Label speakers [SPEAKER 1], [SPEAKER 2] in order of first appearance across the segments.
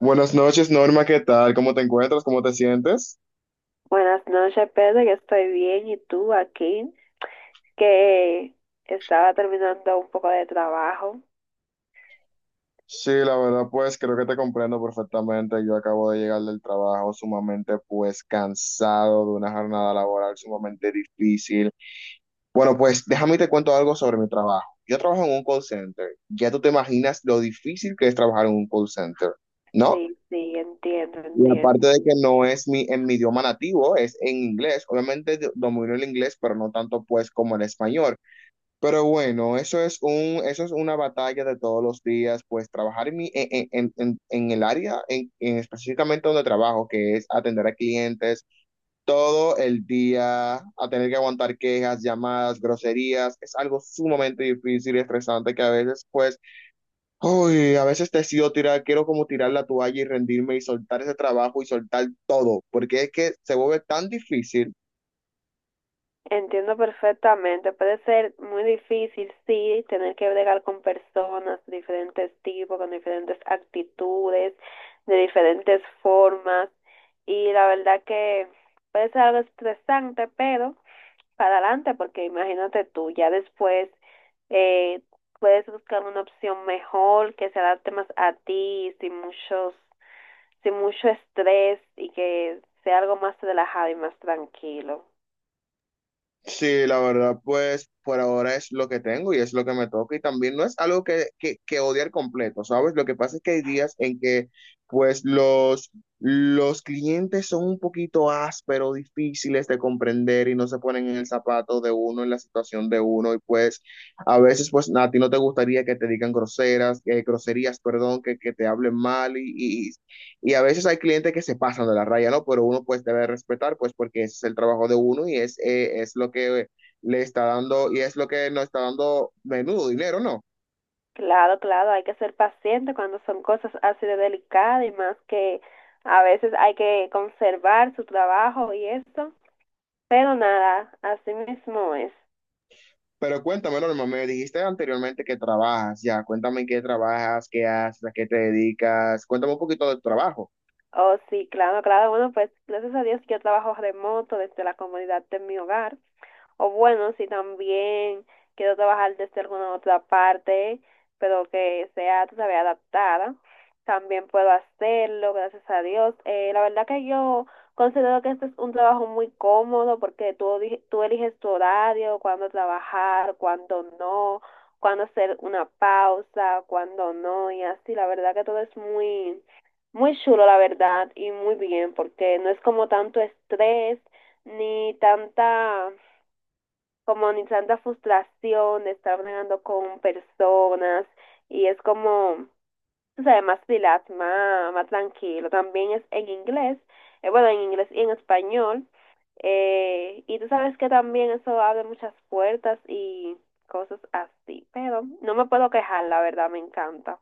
[SPEAKER 1] Buenas noches, Norma, ¿qué tal? ¿Cómo te encuentras? ¿Cómo te sientes?
[SPEAKER 2] Buenas noches, Pedro. Yo estoy bien. ¿Y tú, aquí? Que estaba terminando un poco de trabajo.
[SPEAKER 1] Sí, la verdad, pues creo que te comprendo perfectamente. Yo acabo de llegar del trabajo sumamente, pues, cansado de una jornada laboral sumamente difícil. Bueno, pues déjame te cuento algo sobre mi trabajo. Yo trabajo en un call center. Ya tú te imaginas lo difícil que es trabajar en un call center, ¿no?
[SPEAKER 2] Sí, sí, entiendo,
[SPEAKER 1] Y
[SPEAKER 2] entiendo.
[SPEAKER 1] aparte de que no es mi, en mi idioma nativo, es en inglés. Obviamente domino el inglés, pero no tanto, pues, como el español. Pero bueno, eso es un, eso es una batalla de todos los días, pues trabajar en el área, en específicamente donde trabajo, que es atender a clientes todo el día, a tener que aguantar quejas, llamadas, groserías, es algo sumamente difícil y estresante que a veces, pues, uy, a veces decido tirar, quiero como tirar la toalla y rendirme y soltar ese trabajo y soltar todo, porque es que se vuelve tan difícil.
[SPEAKER 2] Entiendo perfectamente. Puede ser muy difícil, sí, tener que bregar con personas de diferentes tipos, con diferentes actitudes, de diferentes formas. Y la verdad que puede ser algo estresante, pero para adelante, porque imagínate tú, ya después eh, puedes buscar una opción mejor que se adapte más a ti, sin muchos, sin mucho estrés y que sea algo más relajado y más tranquilo.
[SPEAKER 1] Sí, la verdad, pues por ahora es lo que tengo y es lo que me toca y también no es algo que odiar completo, ¿sabes? Lo que pasa es que hay días en que pues los clientes son un poquito ásperos, difíciles de comprender y no se ponen en el zapato de uno, en la situación de uno y pues a veces pues a ti no te gustaría que te digan groseras, groserías, perdón, que te hablen mal y a veces hay clientes que se pasan de la raya, ¿no? Pero uno pues debe respetar, pues porque ese es el trabajo de uno y es lo que le está dando y es lo que nos está dando menudo dinero, ¿no?
[SPEAKER 2] Claro, claro, hay que ser paciente cuando son cosas así de delicadas y más que a veces hay que conservar su trabajo y eso, pero nada, así mismo es.
[SPEAKER 1] Pero cuéntame, Norma, me dijiste anteriormente que trabajas, ya, cuéntame en qué trabajas, qué haces, a qué te dedicas, cuéntame un poquito del trabajo.
[SPEAKER 2] Oh, sí, claro, claro. Bueno, pues gracias a Dios yo trabajo remoto desde la comodidad de mi hogar. O bueno, si también quiero trabajar desde alguna otra parte, pero que sea, tú sabes, adaptada, también puedo hacerlo, gracias a Dios. La verdad que yo considero que este es un trabajo muy cómodo porque tú, tú eliges tu horario, cuándo trabajar, cuándo no, cuándo hacer una pausa, cuándo no, y así. La verdad que todo es muy, muy chulo, la verdad, y muy bien, porque no es como tanto estrés ni tanta comunicando frustración, de estar bregando con personas y es como, tú sabes, más relax, más, más tranquilo. También es en inglés, bueno, en inglés y en español. Y tú sabes que también eso abre muchas puertas y cosas así, pero no me puedo quejar, la verdad, me encanta.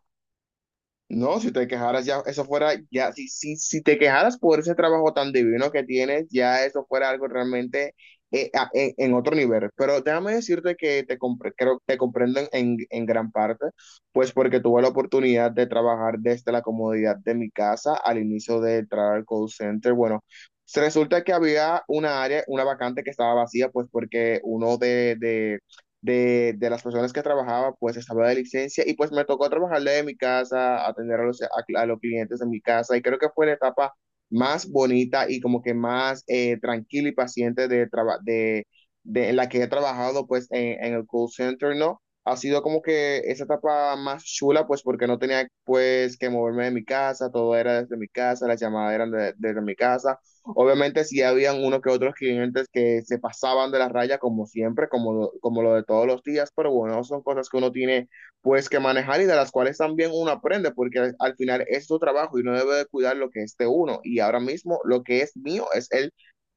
[SPEAKER 1] No, si te quejaras ya, eso fuera, ya, si te quejaras por ese trabajo tan divino que tienes, ya eso fuera algo realmente en otro nivel. Pero déjame decirte que te, creo, te comprendo en gran parte, pues porque tuve la oportunidad de trabajar desde la comodidad de mi casa al inicio de entrar al call center. Bueno, se resulta que había una área, una vacante que estaba vacía, pues porque uno de las personas que trabajaba, pues estaba de licencia y pues me tocó trabajar de mi casa, atender a a los clientes en mi casa y creo que fue la etapa más bonita y como que más tranquila y paciente de en la que he trabajado pues en el call center, ¿no? Ha sido como que esa etapa más chula pues porque no tenía pues que moverme de mi casa, todo era desde mi casa, las llamadas eran desde mi casa. Obviamente sí habían uno que otros clientes que se pasaban de la raya como siempre, como, como lo de todos los días, pero bueno, son cosas que uno tiene pues que manejar y de las cuales también uno aprende, porque al final es su trabajo y uno debe de cuidar lo que es de uno. Y ahora mismo lo que es mío es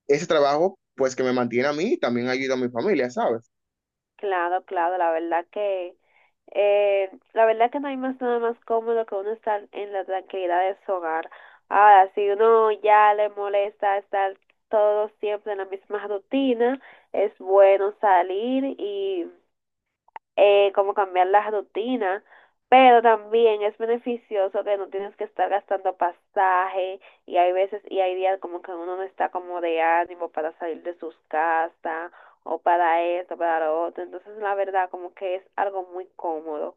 [SPEAKER 1] ese trabajo pues que me mantiene a mí y también ayuda a mi familia, ¿sabes?
[SPEAKER 2] Claro, claro, la verdad que no hay más nada más cómodo que uno estar en la tranquilidad de su hogar. Ahora, si uno ya le molesta estar todo siempre en la misma rutina, es bueno salir y como cambiar la rutina, pero también es beneficioso que no tienes que estar gastando pasaje y hay veces y hay días como que uno no está como de ánimo para salir de sus casas o para esto, para lo otro, entonces la verdad como que es algo muy cómodo.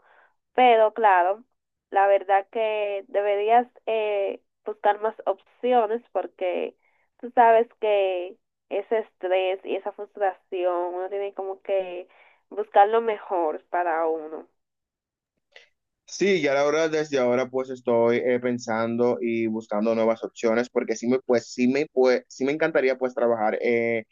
[SPEAKER 2] Pero claro, la verdad que deberías buscar más opciones porque tú sabes que ese estrés y esa frustración, uno tiene como que buscar lo mejor para uno.
[SPEAKER 1] Sí, ya la verdad desde ahora pues estoy pensando y buscando nuevas opciones porque sí me encantaría pues trabajar eh,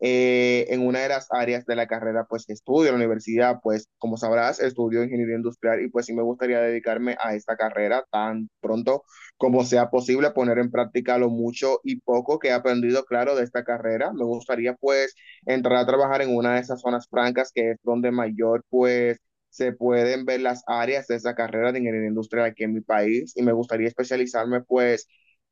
[SPEAKER 1] eh, en una de las áreas de la carrera pues que estudio en la universidad, pues como sabrás estudio ingeniería industrial y pues sí me gustaría dedicarme a esta carrera tan pronto como sea posible, poner en práctica lo mucho y poco que he aprendido, claro, de esta carrera me gustaría pues entrar a trabajar en una de esas zonas francas, que es donde mayor pues se pueden ver las áreas de esa carrera de ingeniería industrial aquí en mi país, y me gustaría especializarme pues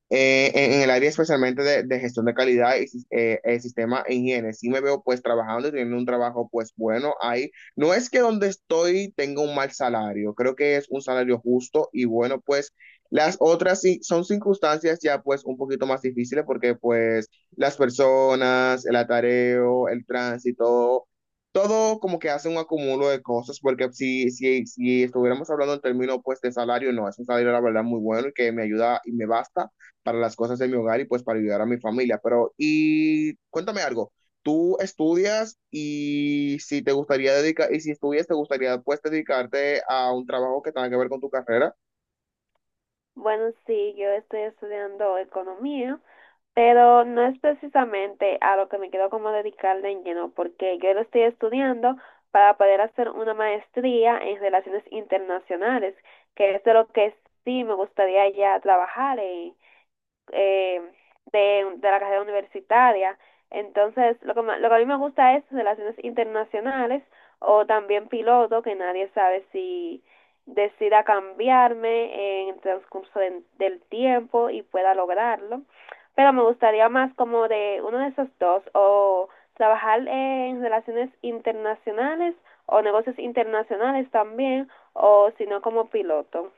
[SPEAKER 1] en el área, especialmente de gestión de calidad y sistema e higiene. Sí me veo pues trabajando y teniendo un trabajo pues bueno ahí. No es que donde estoy tenga un mal salario, creo que es un salario justo y bueno, pues las otras sí son circunstancias ya pues un poquito más difíciles, porque pues las personas, el atareo, el tránsito. Todo como que hace un acumulo de cosas, porque si estuviéramos hablando en términos pues de salario, no, es un salario la verdad muy bueno y que me ayuda y me basta para las cosas de mi hogar y pues para ayudar a mi familia. Pero, y cuéntame algo, tú estudias y si te gustaría dedicar, y si estudias, te gustaría pues dedicarte a un trabajo que tenga que ver con tu carrera.
[SPEAKER 2] Bueno, sí, yo estoy estudiando economía, pero no es precisamente a lo que me quiero como dedicar de lleno, porque yo lo estoy estudiando para poder hacer una maestría en relaciones internacionales, que es de lo que sí me gustaría ya trabajar. Eh, de, de la carrera universitaria. Entonces, lo que, lo que a mí me gusta es relaciones internacionales o también piloto, que nadie sabe si decida cambiarme en el transcurso del tiempo y pueda lograrlo. Pero me gustaría más como de uno de esos dos, o trabajar en relaciones internacionales o negocios internacionales también, o si no como piloto.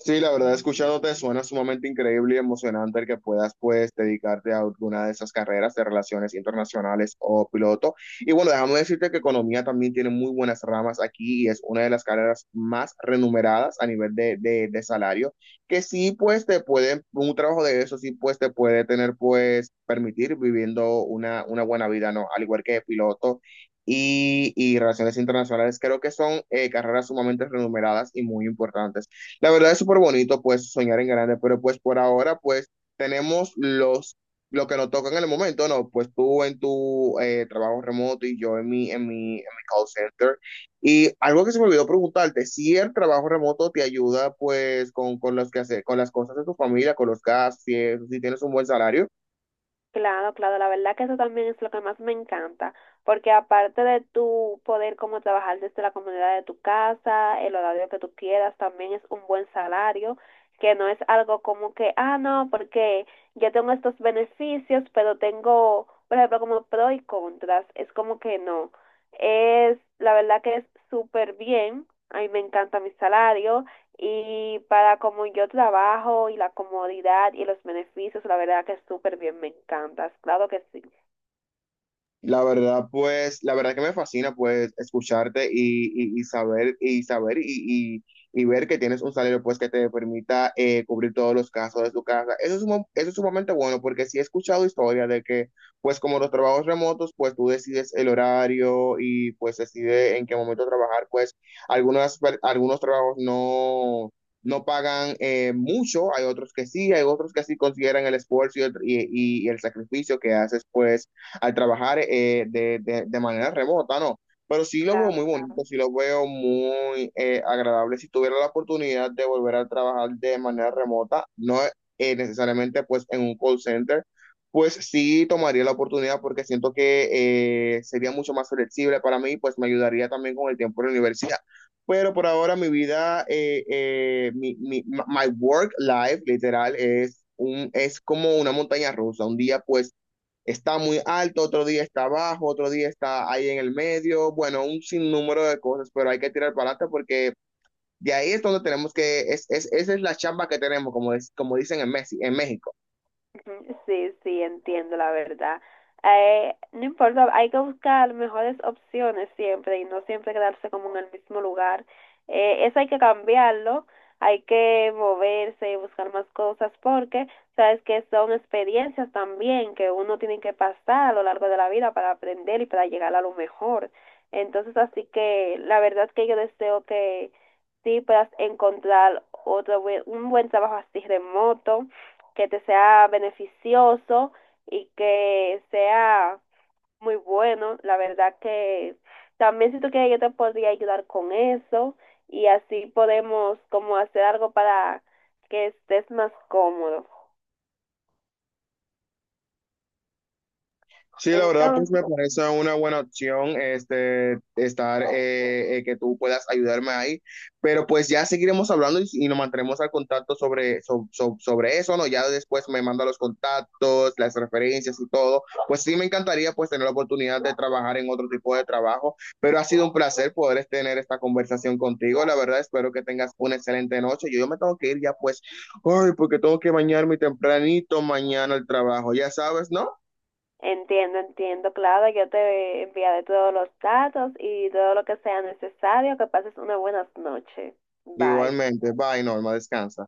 [SPEAKER 1] Sí, la verdad, escuchándote suena sumamente increíble y emocionante el que puedas, pues, dedicarte a alguna de esas carreras de relaciones internacionales o piloto. Y bueno, déjame decirte que economía también tiene muy buenas ramas aquí y es una de las carreras más remuneradas a nivel de salario, que sí, pues, te puede, un trabajo de eso sí, pues, te puede tener, pues, permitir viviendo una buena vida, ¿no? Al igual que piloto y relaciones internacionales, creo que son carreras sumamente remuneradas y muy importantes. La verdad es súper bonito, pues, soñar en grande, pero pues por ahora, pues, tenemos lo que nos toca en el momento, ¿no? Pues tú en tu trabajo remoto y yo en mi call center. Y algo que se me olvidó preguntarte, si el trabajo remoto te ayuda, pues, con los que hacer, con las cosas de tu familia, con los gastos, si, si tienes un buen salario.
[SPEAKER 2] Claro, claro, la verdad que eso también es lo que más me encanta, porque aparte de tu poder como trabajar desde la comodidad de tu casa, el horario que tú quieras, también es un buen salario, que no es algo como que, ah, no, porque yo tengo estos beneficios, pero tengo, por ejemplo, como pro y contras, es como que no, es, la verdad que es súper bien, a mí me encanta mi salario, y para como yo trabajo y la comodidad y los beneficios, la verdad que súper bien, me encantas. Claro que sí.
[SPEAKER 1] La verdad, pues, la verdad que me fascina, pues, escucharte y, y saber, y ver que tienes un salario, pues, que te permita cubrir todos los casos de tu casa. Eso es, eso es sumamente bueno, porque sí he escuchado historias de que, pues, como los trabajos remotos, pues, tú decides el horario y, pues, decides en qué momento trabajar, pues, algunas, algunos trabajos no... No pagan mucho, hay otros que sí, hay otros que sí consideran el esfuerzo y el sacrificio que haces, pues, al trabajar de manera remota, ¿no? Pero sí lo veo
[SPEAKER 2] Claro,
[SPEAKER 1] muy
[SPEAKER 2] claro.
[SPEAKER 1] bonito, sí lo veo muy agradable. Si tuviera la oportunidad de volver a trabajar de manera remota, no necesariamente pues en un call center, pues sí tomaría la oportunidad porque siento que sería mucho más flexible para mí, pues me ayudaría también con el tiempo de la universidad. Pero por ahora mi vida, my work life literal es, un, es como una montaña rusa. Un día pues está muy alto, otro día está bajo, otro día está ahí en el medio, bueno, un sinnúmero de cosas, pero hay que tirar para adelante porque de ahí es donde tenemos que, es, esa es la chamba que tenemos, como, es, como dicen en, Messi, en México.
[SPEAKER 2] Ujú, sí, sí, entiendo la verdad. No importa, hay que buscar mejores opciones siempre y no siempre quedarse como en el mismo lugar. Eso hay que cambiarlo, hay que moverse y buscar más cosas porque sabes que son experiencias también que uno tiene que pasar a lo largo de la vida para aprender y para llegar a lo mejor. Entonces, así que la verdad que yo deseo que sí puedas encontrar un buen trabajo así remoto, que te sea beneficioso y que sea muy bueno. La verdad que también si tú quieres yo te podría ayudar con eso y así podemos como hacer algo para que estés más cómodo.
[SPEAKER 1] Sí, la verdad, pues me
[SPEAKER 2] Entonces,
[SPEAKER 1] parece una buena opción este, estar, que tú puedas ayudarme ahí, pero pues ya seguiremos hablando y nos mantendremos al contacto sobre, sobre eso, ¿no? Ya después me manda los contactos, las referencias y todo. Pues sí, me encantaría pues tener la oportunidad de trabajar en otro tipo de trabajo, pero ha sido un placer poder este, tener esta conversación contigo. La verdad, espero que tengas una excelente noche. Yo me tengo que ir ya pues, ay, porque tengo que bañarme tempranito mañana al trabajo, ya sabes, ¿no?
[SPEAKER 2] entiendo, entiendo, claro, yo te enviaré todos los datos y todo lo que sea necesario. Que pases unas buenas noches. Bye.
[SPEAKER 1] Igualmente, bye, Norma, descansa.